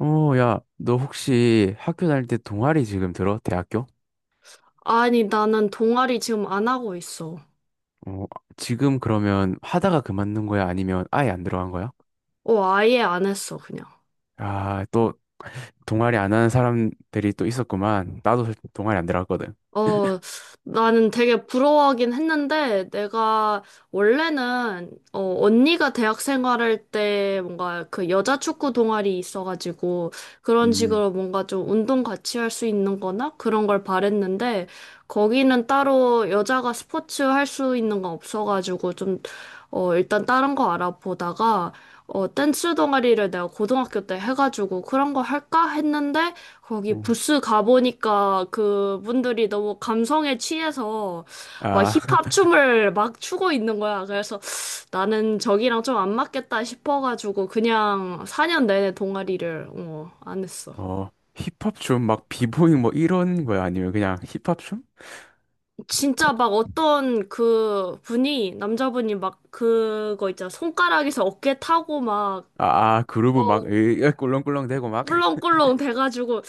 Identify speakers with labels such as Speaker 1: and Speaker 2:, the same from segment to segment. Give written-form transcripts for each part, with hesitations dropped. Speaker 1: 야, 너 혹시 학교 다닐 때 동아리 지금 들어? 대학교?
Speaker 2: 아니, 나는 동아리 지금 안 하고 있어.
Speaker 1: 어, 지금 그러면 하다가 그만둔 거야? 아니면 아예 안 들어간 거야?
Speaker 2: 아예 안 했어, 그냥.
Speaker 1: 아, 또 동아리 안 하는 사람들이 또 있었구만. 나도 사실 동아리 안 들어갔거든.
Speaker 2: 어, 나는 되게 부러워하긴 했는데, 내가 원래는, 언니가 대학 생활할 때 뭔가 그 여자 축구 동아리 있어가지고, 그런
Speaker 1: 음.
Speaker 2: 식으로 뭔가 좀 운동 같이 할 수 있는 거나 그런 걸 바랬는데, 거기는 따로 여자가 스포츠 할 수 있는 거 없어가지고, 좀, 일단 다른 거 알아보다가, 댄스 동아리를 내가 고등학교 때 해가지고, 그런 거 할까 했는데, 거기
Speaker 1: 음.
Speaker 2: 부스 가보니까 그분들이 너무 감성에 취해서 막
Speaker 1: 아,
Speaker 2: 힙합 춤을 막 추고 있는 거야. 그래서 나는 저기랑 좀 안 맞겠다 싶어가지고 그냥 4년 내내 동아리를 안 했어.
Speaker 1: 어, 힙합 춤, 막 비보잉 뭐 이런 거야? 아니면 그냥 힙합 춤?
Speaker 2: 진짜
Speaker 1: 힙합?
Speaker 2: 막 어떤 그 분이, 남자분이 막 그거 있잖아. 손가락에서 어깨 타고 막
Speaker 1: 아,
Speaker 2: 어,
Speaker 1: 그루브 막 으, 꿀렁꿀렁 대고 막.
Speaker 2: 꿀렁꿀렁 돼가지고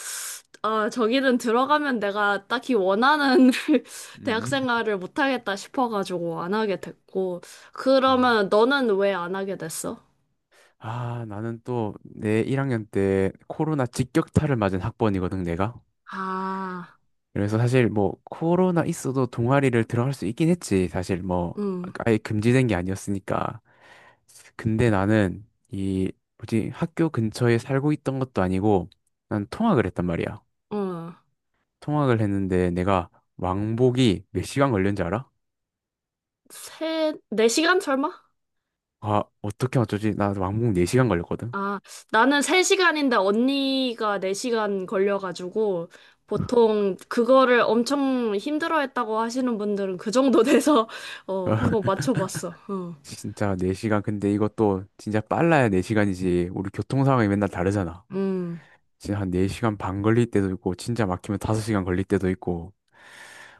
Speaker 2: 아 저기는 들어가면 내가 딱히 원하는 대학
Speaker 1: 음.
Speaker 2: 생활을 못하겠다 싶어가지고 안 하게 됐고.
Speaker 1: 음.
Speaker 2: 그러면 너는 왜 안 하게 됐어?
Speaker 1: 아, 나는 또 내 1학년 때 코로나 직격탄을 맞은 학번이거든, 내가.
Speaker 2: 아,
Speaker 1: 그래서 사실 뭐 코로나 있어도 동아리를 들어갈 수 있긴 했지. 사실 뭐
Speaker 2: 응..
Speaker 1: 아예 금지된 게 아니었으니까. 근데 나는 이 뭐지 학교 근처에 살고 있던 것도 아니고 난 통학을 했단 말이야.
Speaker 2: 응..
Speaker 1: 통학을 했는데 내가 왕복이 몇 시간 걸렸는지 알아?
Speaker 2: 세, 네 시간 설마?
Speaker 1: 아, 어떻게 어쩌지? 나 왕복 4시간 걸렸거든.
Speaker 2: 아, 나는 세 시간인데 언니가 네 시간 걸려가지고 보통 그거를 엄청 힘들어했다고 하시는 분들은 그 정도 돼서 어, 한번 맞춰봤어. 어.
Speaker 1: 진짜 4시간. 근데 이것도 진짜 빨라야 4시간이지. 우리 교통 상황이 맨날 다르잖아.
Speaker 2: 음,
Speaker 1: 지금 한 4시간 반 걸릴 때도 있고 진짜 막히면 5시간 걸릴 때도 있고.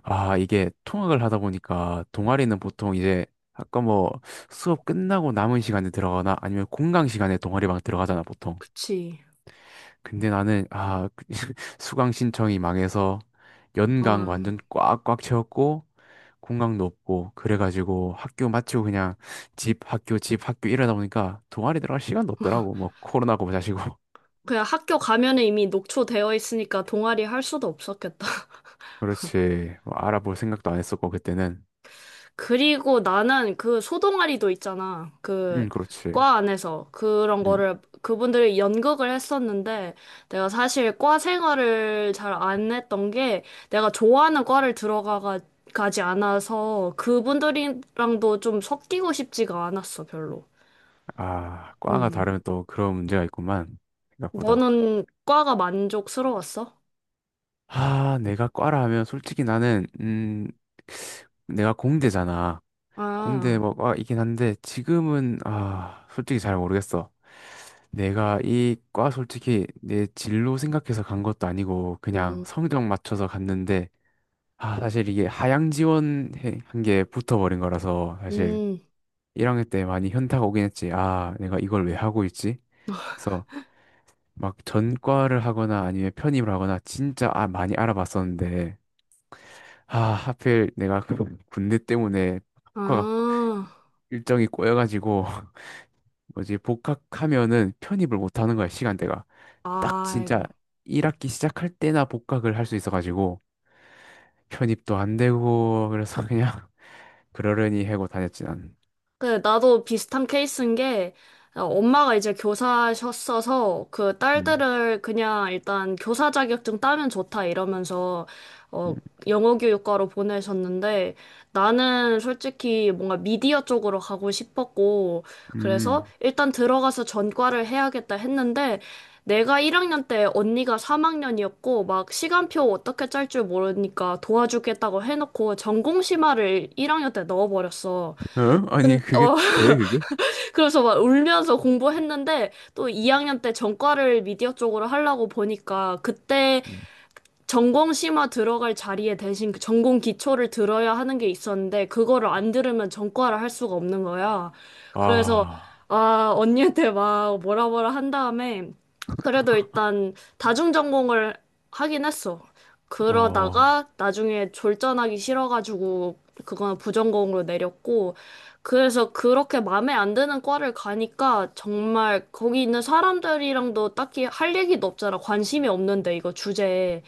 Speaker 1: 아 이게 통학을 하다 보니까 동아리는 보통 이제 아까 뭐 수업 끝나고 남은 시간에 들어가거나 아니면 공강 시간에 동아리방 들어가잖아 보통.
Speaker 2: 그치.
Speaker 1: 근데 나는 아 수강 신청이 망해서
Speaker 2: 어.
Speaker 1: 연강 완전 꽉꽉 채웠고 공강도 없고 그래가지고 학교 마치고 그냥 집 학교 집 학교 이러다 보니까 동아리 들어갈 시간도 없더라고. 뭐 코로나고 뭐자시고.
Speaker 2: 그냥 학교 가면은 이미 녹초되어 있으니까 동아리 할 수도 없었겠다.
Speaker 1: 그렇지. 뭐 알아볼 생각도 안 했었고, 그때는.
Speaker 2: 그리고 나는 그 소동아리도 있잖아. 그
Speaker 1: 그렇지.
Speaker 2: 과 안에서 그런
Speaker 1: 음.
Speaker 2: 거를 그분들이 연극을 했었는데 내가 사실 과 생활을 잘 안 했던 게 내가 좋아하는 과를 들어가 가지 않아서 그분들이랑도 좀 섞이고 싶지가 않았어, 별로.
Speaker 1: 아, 과가
Speaker 2: 음.
Speaker 1: 다르면 또 그런 문제가 있구만. 생각보다.
Speaker 2: 너는 과가 만족스러웠어?
Speaker 1: 아, 내가 과라 하면 솔직히 나는, 내가 공대잖아. 공대
Speaker 2: 아.
Speaker 1: 뭐 과이긴 한데, 지금은, 아, 솔직히 잘 모르겠어. 내가 이 과 솔직히 내 진로 생각해서 간 것도 아니고, 그냥
Speaker 2: 음.
Speaker 1: 성적 맞춰서 갔는데, 아, 사실 이게 하향 지원한 게 붙어버린 거라서, 사실.
Speaker 2: 음.
Speaker 1: 1학년 때 많이 현타가 오긴 했지. 아, 내가 이걸 왜 하고 있지? 그래서 막 전과를 하거나 아니면 편입을 하거나 진짜 아, 많이 알아봤었는데, 아, 하필 내가 그 군대 때문에 학과가
Speaker 2: 아.
Speaker 1: 일정이 꼬여가지고, 뭐지, 복학하면은 편입을 못 하는 거야, 시간대가. 딱 진짜
Speaker 2: 아이고.
Speaker 1: 1학기 시작할 때나 복학을 할 수 있어가지고, 편입도 안 되고, 그래서 그냥 그러려니 하고 다녔지, 난.
Speaker 2: 그 나도 비슷한 케이스인 게 엄마가 이제 교사셨어서 그
Speaker 1: 음,
Speaker 2: 딸들을 그냥 일단 교사 자격증 따면 좋다 이러면서
Speaker 1: 음,
Speaker 2: 어 영어 교육과로 보내셨는데 나는 솔직히 뭔가 미디어 쪽으로 가고 싶었고 그래서
Speaker 1: 음.
Speaker 2: 일단 들어가서 전과를 해야겠다 했는데 내가 1학년 때 언니가 3학년이었고 막 시간표 어떻게 짤 줄 모르니까 도와주겠다고 해놓고 전공 심화를 1학년 때 넣어버렸어.
Speaker 1: 어? 아니,
Speaker 2: 근,
Speaker 1: 그게
Speaker 2: 어,
Speaker 1: 돼, 그게?
Speaker 2: 그래서 막 울면서 공부했는데 또 2학년 때 전과를 미디어 쪽으로 하려고 보니까 그때 전공 심화 들어갈 자리에 대신 그 전공 기초를 들어야 하는 게 있었는데 그거를 안 들으면 전과를 할 수가 없는 거야. 그래서
Speaker 1: 아,
Speaker 2: 아 언니한테 막 뭐라 뭐라 한 다음에 그래도 일단 다중 전공을 하긴 했어.
Speaker 1: 어,
Speaker 2: 그러다가 나중에 졸전하기 싫어가지고 그거는 부전공으로 내렸고 그래서 그렇게 마음에 안 드는 과를 가니까 정말 거기 있는 사람들이랑도 딱히 할 얘기도 없잖아. 관심이 없는데 이거 주제에.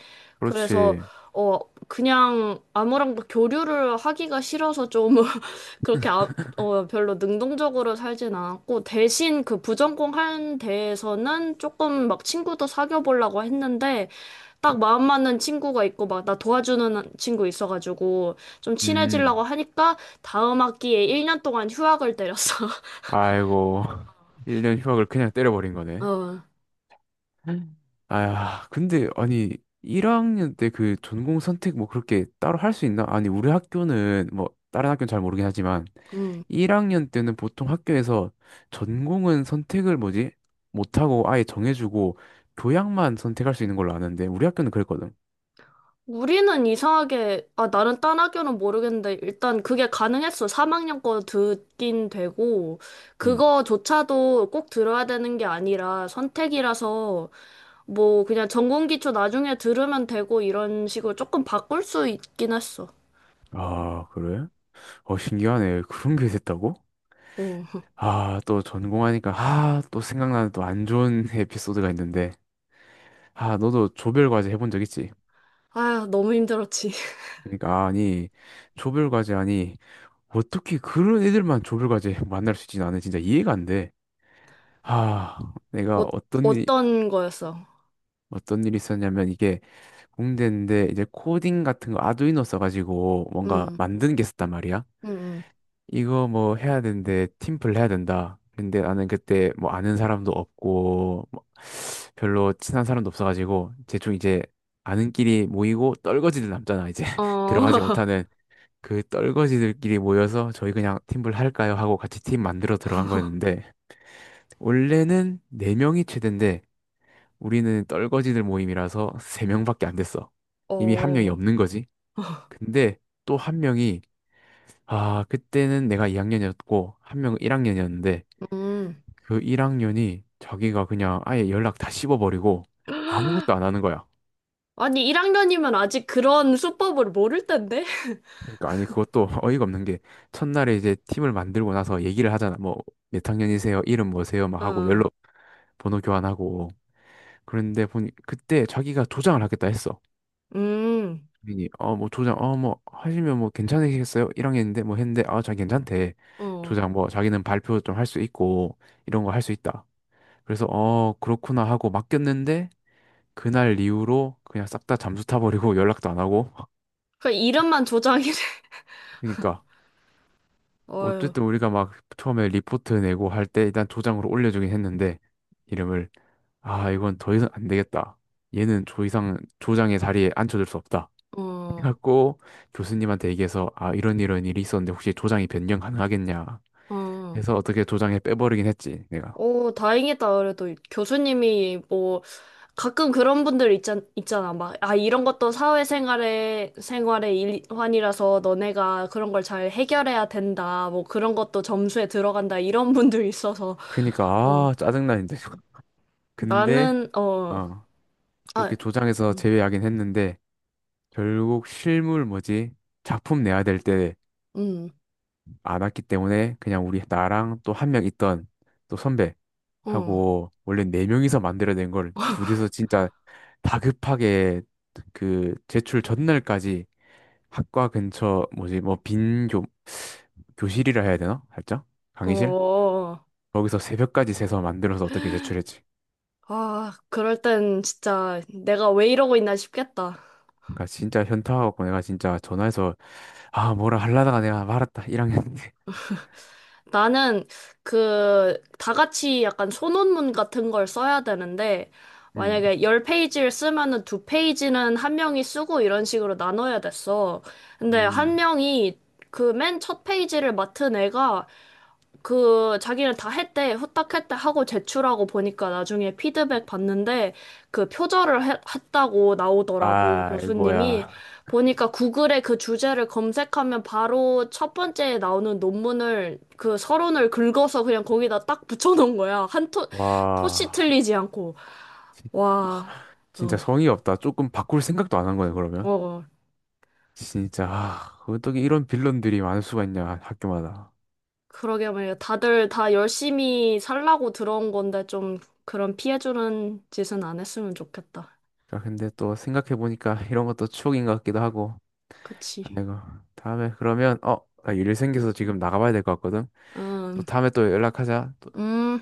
Speaker 2: 그래서
Speaker 1: 그렇지.
Speaker 2: 어 그냥 아무랑도 교류를 하기가 싫어서 좀 그렇게 아, 어 별로 능동적으로 살진 않았고 대신 그 부전공 한 데에서는 조금 막 친구도 사귀어 보려고 했는데 딱 마음 맞는 친구가 있고 막 나 도와주는 친구 있어가지고 좀 친해지려고
Speaker 1: 음,
Speaker 2: 하니까 다음 학기에 1년 동안 휴학을 때렸어.
Speaker 1: 아이고, 1년 휴학을 그냥 때려버린 거네.
Speaker 2: 어.
Speaker 1: 아야, 근데, 아니, 1학년 때 그 전공 선택 뭐 그렇게 따로 할 수 있나? 아니, 우리 학교는 뭐, 다른 학교는 잘 모르긴 하지만,
Speaker 2: 음.
Speaker 1: 1학년 때는 보통 학교에서 전공은 선택을 뭐지? 못하고 아예 정해주고, 교양만 선택할 수 있는 걸로 아는데, 우리 학교는 그랬거든.
Speaker 2: 우리는 이상하게, 아, 나는 딴 학교는 모르겠는데, 일단 그게 가능했어. 3학년 거 듣긴 되고,
Speaker 1: 음.
Speaker 2: 그거조차도 꼭 들어야 되는 게 아니라 선택이라서, 뭐, 그냥 전공 기초 나중에 들으면 되고, 이런 식으로 조금 바꿀 수 있긴 했어.
Speaker 1: 아, 그래? 어, 신기하네. 그런 게 됐다고?
Speaker 2: 어.
Speaker 1: 아, 또 전공하니까, 아, 또 생각나는 또 안 좋은 에피소드가 있는데, 아, 너도 조별과제 해본 적 있지?
Speaker 2: 아휴, 너무 힘들었지.
Speaker 1: 그러니까, 아니, 조별과제, 아니, 어떻게 그런 애들만 조별과제 만날 수 있지? 나는 진짜 이해가 안 돼. 아, 내가
Speaker 2: 어, 어떤 거였어?
Speaker 1: 어떤 일이 있었냐면, 이게 공대인데, 이제 코딩 같은 거 아두이노 써가지고, 뭔가
Speaker 2: 음,
Speaker 1: 만드는 게 있었단 말이야.
Speaker 2: 음,
Speaker 1: 이거 뭐 해야 되는데 팀플 해야 된다. 근데 나는 그때 뭐 아는 사람도 없고 뭐 별로 친한 사람도 없어가지고 대충 이제 아는끼리 모이고 떨거지들 남잖아. 이제
Speaker 2: 어,
Speaker 1: 들어가지 못하는 그 떨거지들끼리 모여서 저희 그냥 팀플 할까요? 하고 같이 팀 만들어 들어간 거였는데, 원래는 4명이 최대인데 우리는 떨거지들 모임이라서 3명밖에 안 됐어. 이미 한 명이
Speaker 2: 어,
Speaker 1: 없는 거지. 근데 또 한 명이, 아, 그때는 내가 2학년이었고, 한 명은 1학년이었는데,
Speaker 2: 음.
Speaker 1: 그 1학년이 자기가 그냥 아예 연락 다 씹어버리고 아무것도 안 하는 거야.
Speaker 2: 아니, 1학년이면 아직 그런 수법을 모를 텐데?
Speaker 1: 그러니까 아니 그것도 어이가 없는 게, 첫날에 이제 팀을 만들고 나서 얘기를 하잖아. 뭐 몇 학년이세요? 이름 뭐세요? 막 하고
Speaker 2: 어.
Speaker 1: 연락 번호 교환하고. 그런데 보니 그때 자기가 조장을 하겠다 했어.
Speaker 2: 음,
Speaker 1: 본인이 어뭐 조장 어 뭐 하시면 뭐 괜찮으시겠어요? 1학년인데 뭐 했는데, 아 자 괜찮대.
Speaker 2: 어.
Speaker 1: 조장 뭐 자기는 발표 좀 할 수 있고 이런 거 할 수 있다. 그래서 어 그렇구나 하고 맡겼는데 그날 이후로 그냥 싹 다 잠수 타버리고 연락도 안 하고.
Speaker 2: 그 이름만 조장이래.
Speaker 1: 그러니까
Speaker 2: 어휴,
Speaker 1: 어쨌든 우리가 막 처음에 리포트 내고 할 때 일단 조장으로 올려주긴 했는데 이름을. 아 이건 더 이상 안 되겠다. 얘는 조 이상 조장의 자리에 앉혀줄 수 없다.
Speaker 2: 어,
Speaker 1: 해갖고 교수님한테 얘기해서, 아 이런 이런 일이 있었는데 혹시 조장이 변경 가능하겠냐
Speaker 2: 어.
Speaker 1: 해서 어떻게 조장에 빼버리긴 했지, 내가.
Speaker 2: 오, 다행이다. 그래도 교수님이 뭐 가끔 그런 분들 있잖, 있잖아. 막, 아, 이런 것도 사회생활의 생활의 일환이라서 너네가 그런 걸 잘 해결해야 된다. 뭐 그런 것도 점수에 들어간다. 이런 분들 있어서.
Speaker 1: 그러니까
Speaker 2: 어,
Speaker 1: 아 짜증나 이제. 근데
Speaker 2: 나는, 어,
Speaker 1: 어
Speaker 2: 아,
Speaker 1: 그렇게 조장에서
Speaker 2: 음,
Speaker 1: 제외하긴 했는데. 결국 실물 뭐지? 작품 내야 될 때
Speaker 2: 음,
Speaker 1: 안 왔기 때문에 그냥 우리 나랑 또 한 명 있던 또
Speaker 2: 어,
Speaker 1: 선배하고 원래 네 명이서 만들어야 된 걸 둘이서 진짜 다급하게 그 제출 전날까지 학과 근처 뭐지 뭐 빈교 교실이라 해야 되나? 살짝 강의실?
Speaker 2: 어.
Speaker 1: 거기서 새벽까지 새서 만들어서 어떻게 제출했지?
Speaker 2: 아, 그럴 땐 진짜 내가 왜 이러고 있나 싶겠다.
Speaker 1: 그러니까 진짜 현타하고 내가 진짜 전화해서 아 뭐라 하려다가 내가 말았다, 1학년 때.
Speaker 2: 나는 그, 다 같이 약간 소논문 같은 걸 써야 되는데,
Speaker 1: 음.
Speaker 2: 만약에 열페이지를 쓰면은 두페이지는한 명이 쓰고 이런 식으로 나눠야 됐어. 근데 한
Speaker 1: 음.
Speaker 2: 명이 그 맨 첫 페이지를 맡은 애가 그 자기는 다 했대 후딱 했대 하고 제출하고 보니까 나중에 피드백 받는데 그 표절을 했다고 나오더라고 교수님이
Speaker 1: 아이고야.
Speaker 2: 보니까 구글에 그 주제를 검색하면 바로 첫 번째에 나오는 논문을 그 서론을 긁어서 그냥 거기다 딱 붙여놓은 거야 한 토, 토씨
Speaker 1: 와.
Speaker 2: 틀리지 않고
Speaker 1: 진-
Speaker 2: 와
Speaker 1: 진짜
Speaker 2: 어,
Speaker 1: 성의 없다. 조금 바꿀 생각도 안 한 거네,
Speaker 2: 어,
Speaker 1: 그러면.
Speaker 2: 어.
Speaker 1: 진짜, 아, 어떻게 이런 빌런들이 많을 수가 있냐, 학교마다.
Speaker 2: 그러게 말이야 다들 다 열심히 살라고 들어온 건데 좀 그런 피해주는 짓은 안 했으면 좋겠다.
Speaker 1: 아, 근데 또 생각해보니까 이런 것도 추억인 것 같기도 하고.
Speaker 2: 같이
Speaker 1: 아이고. 다음에 그러면, 나 일이 생겨서 지금 나가봐야 될 것 같거든. 또
Speaker 2: 음,
Speaker 1: 다음에 또 연락하자.
Speaker 2: 음.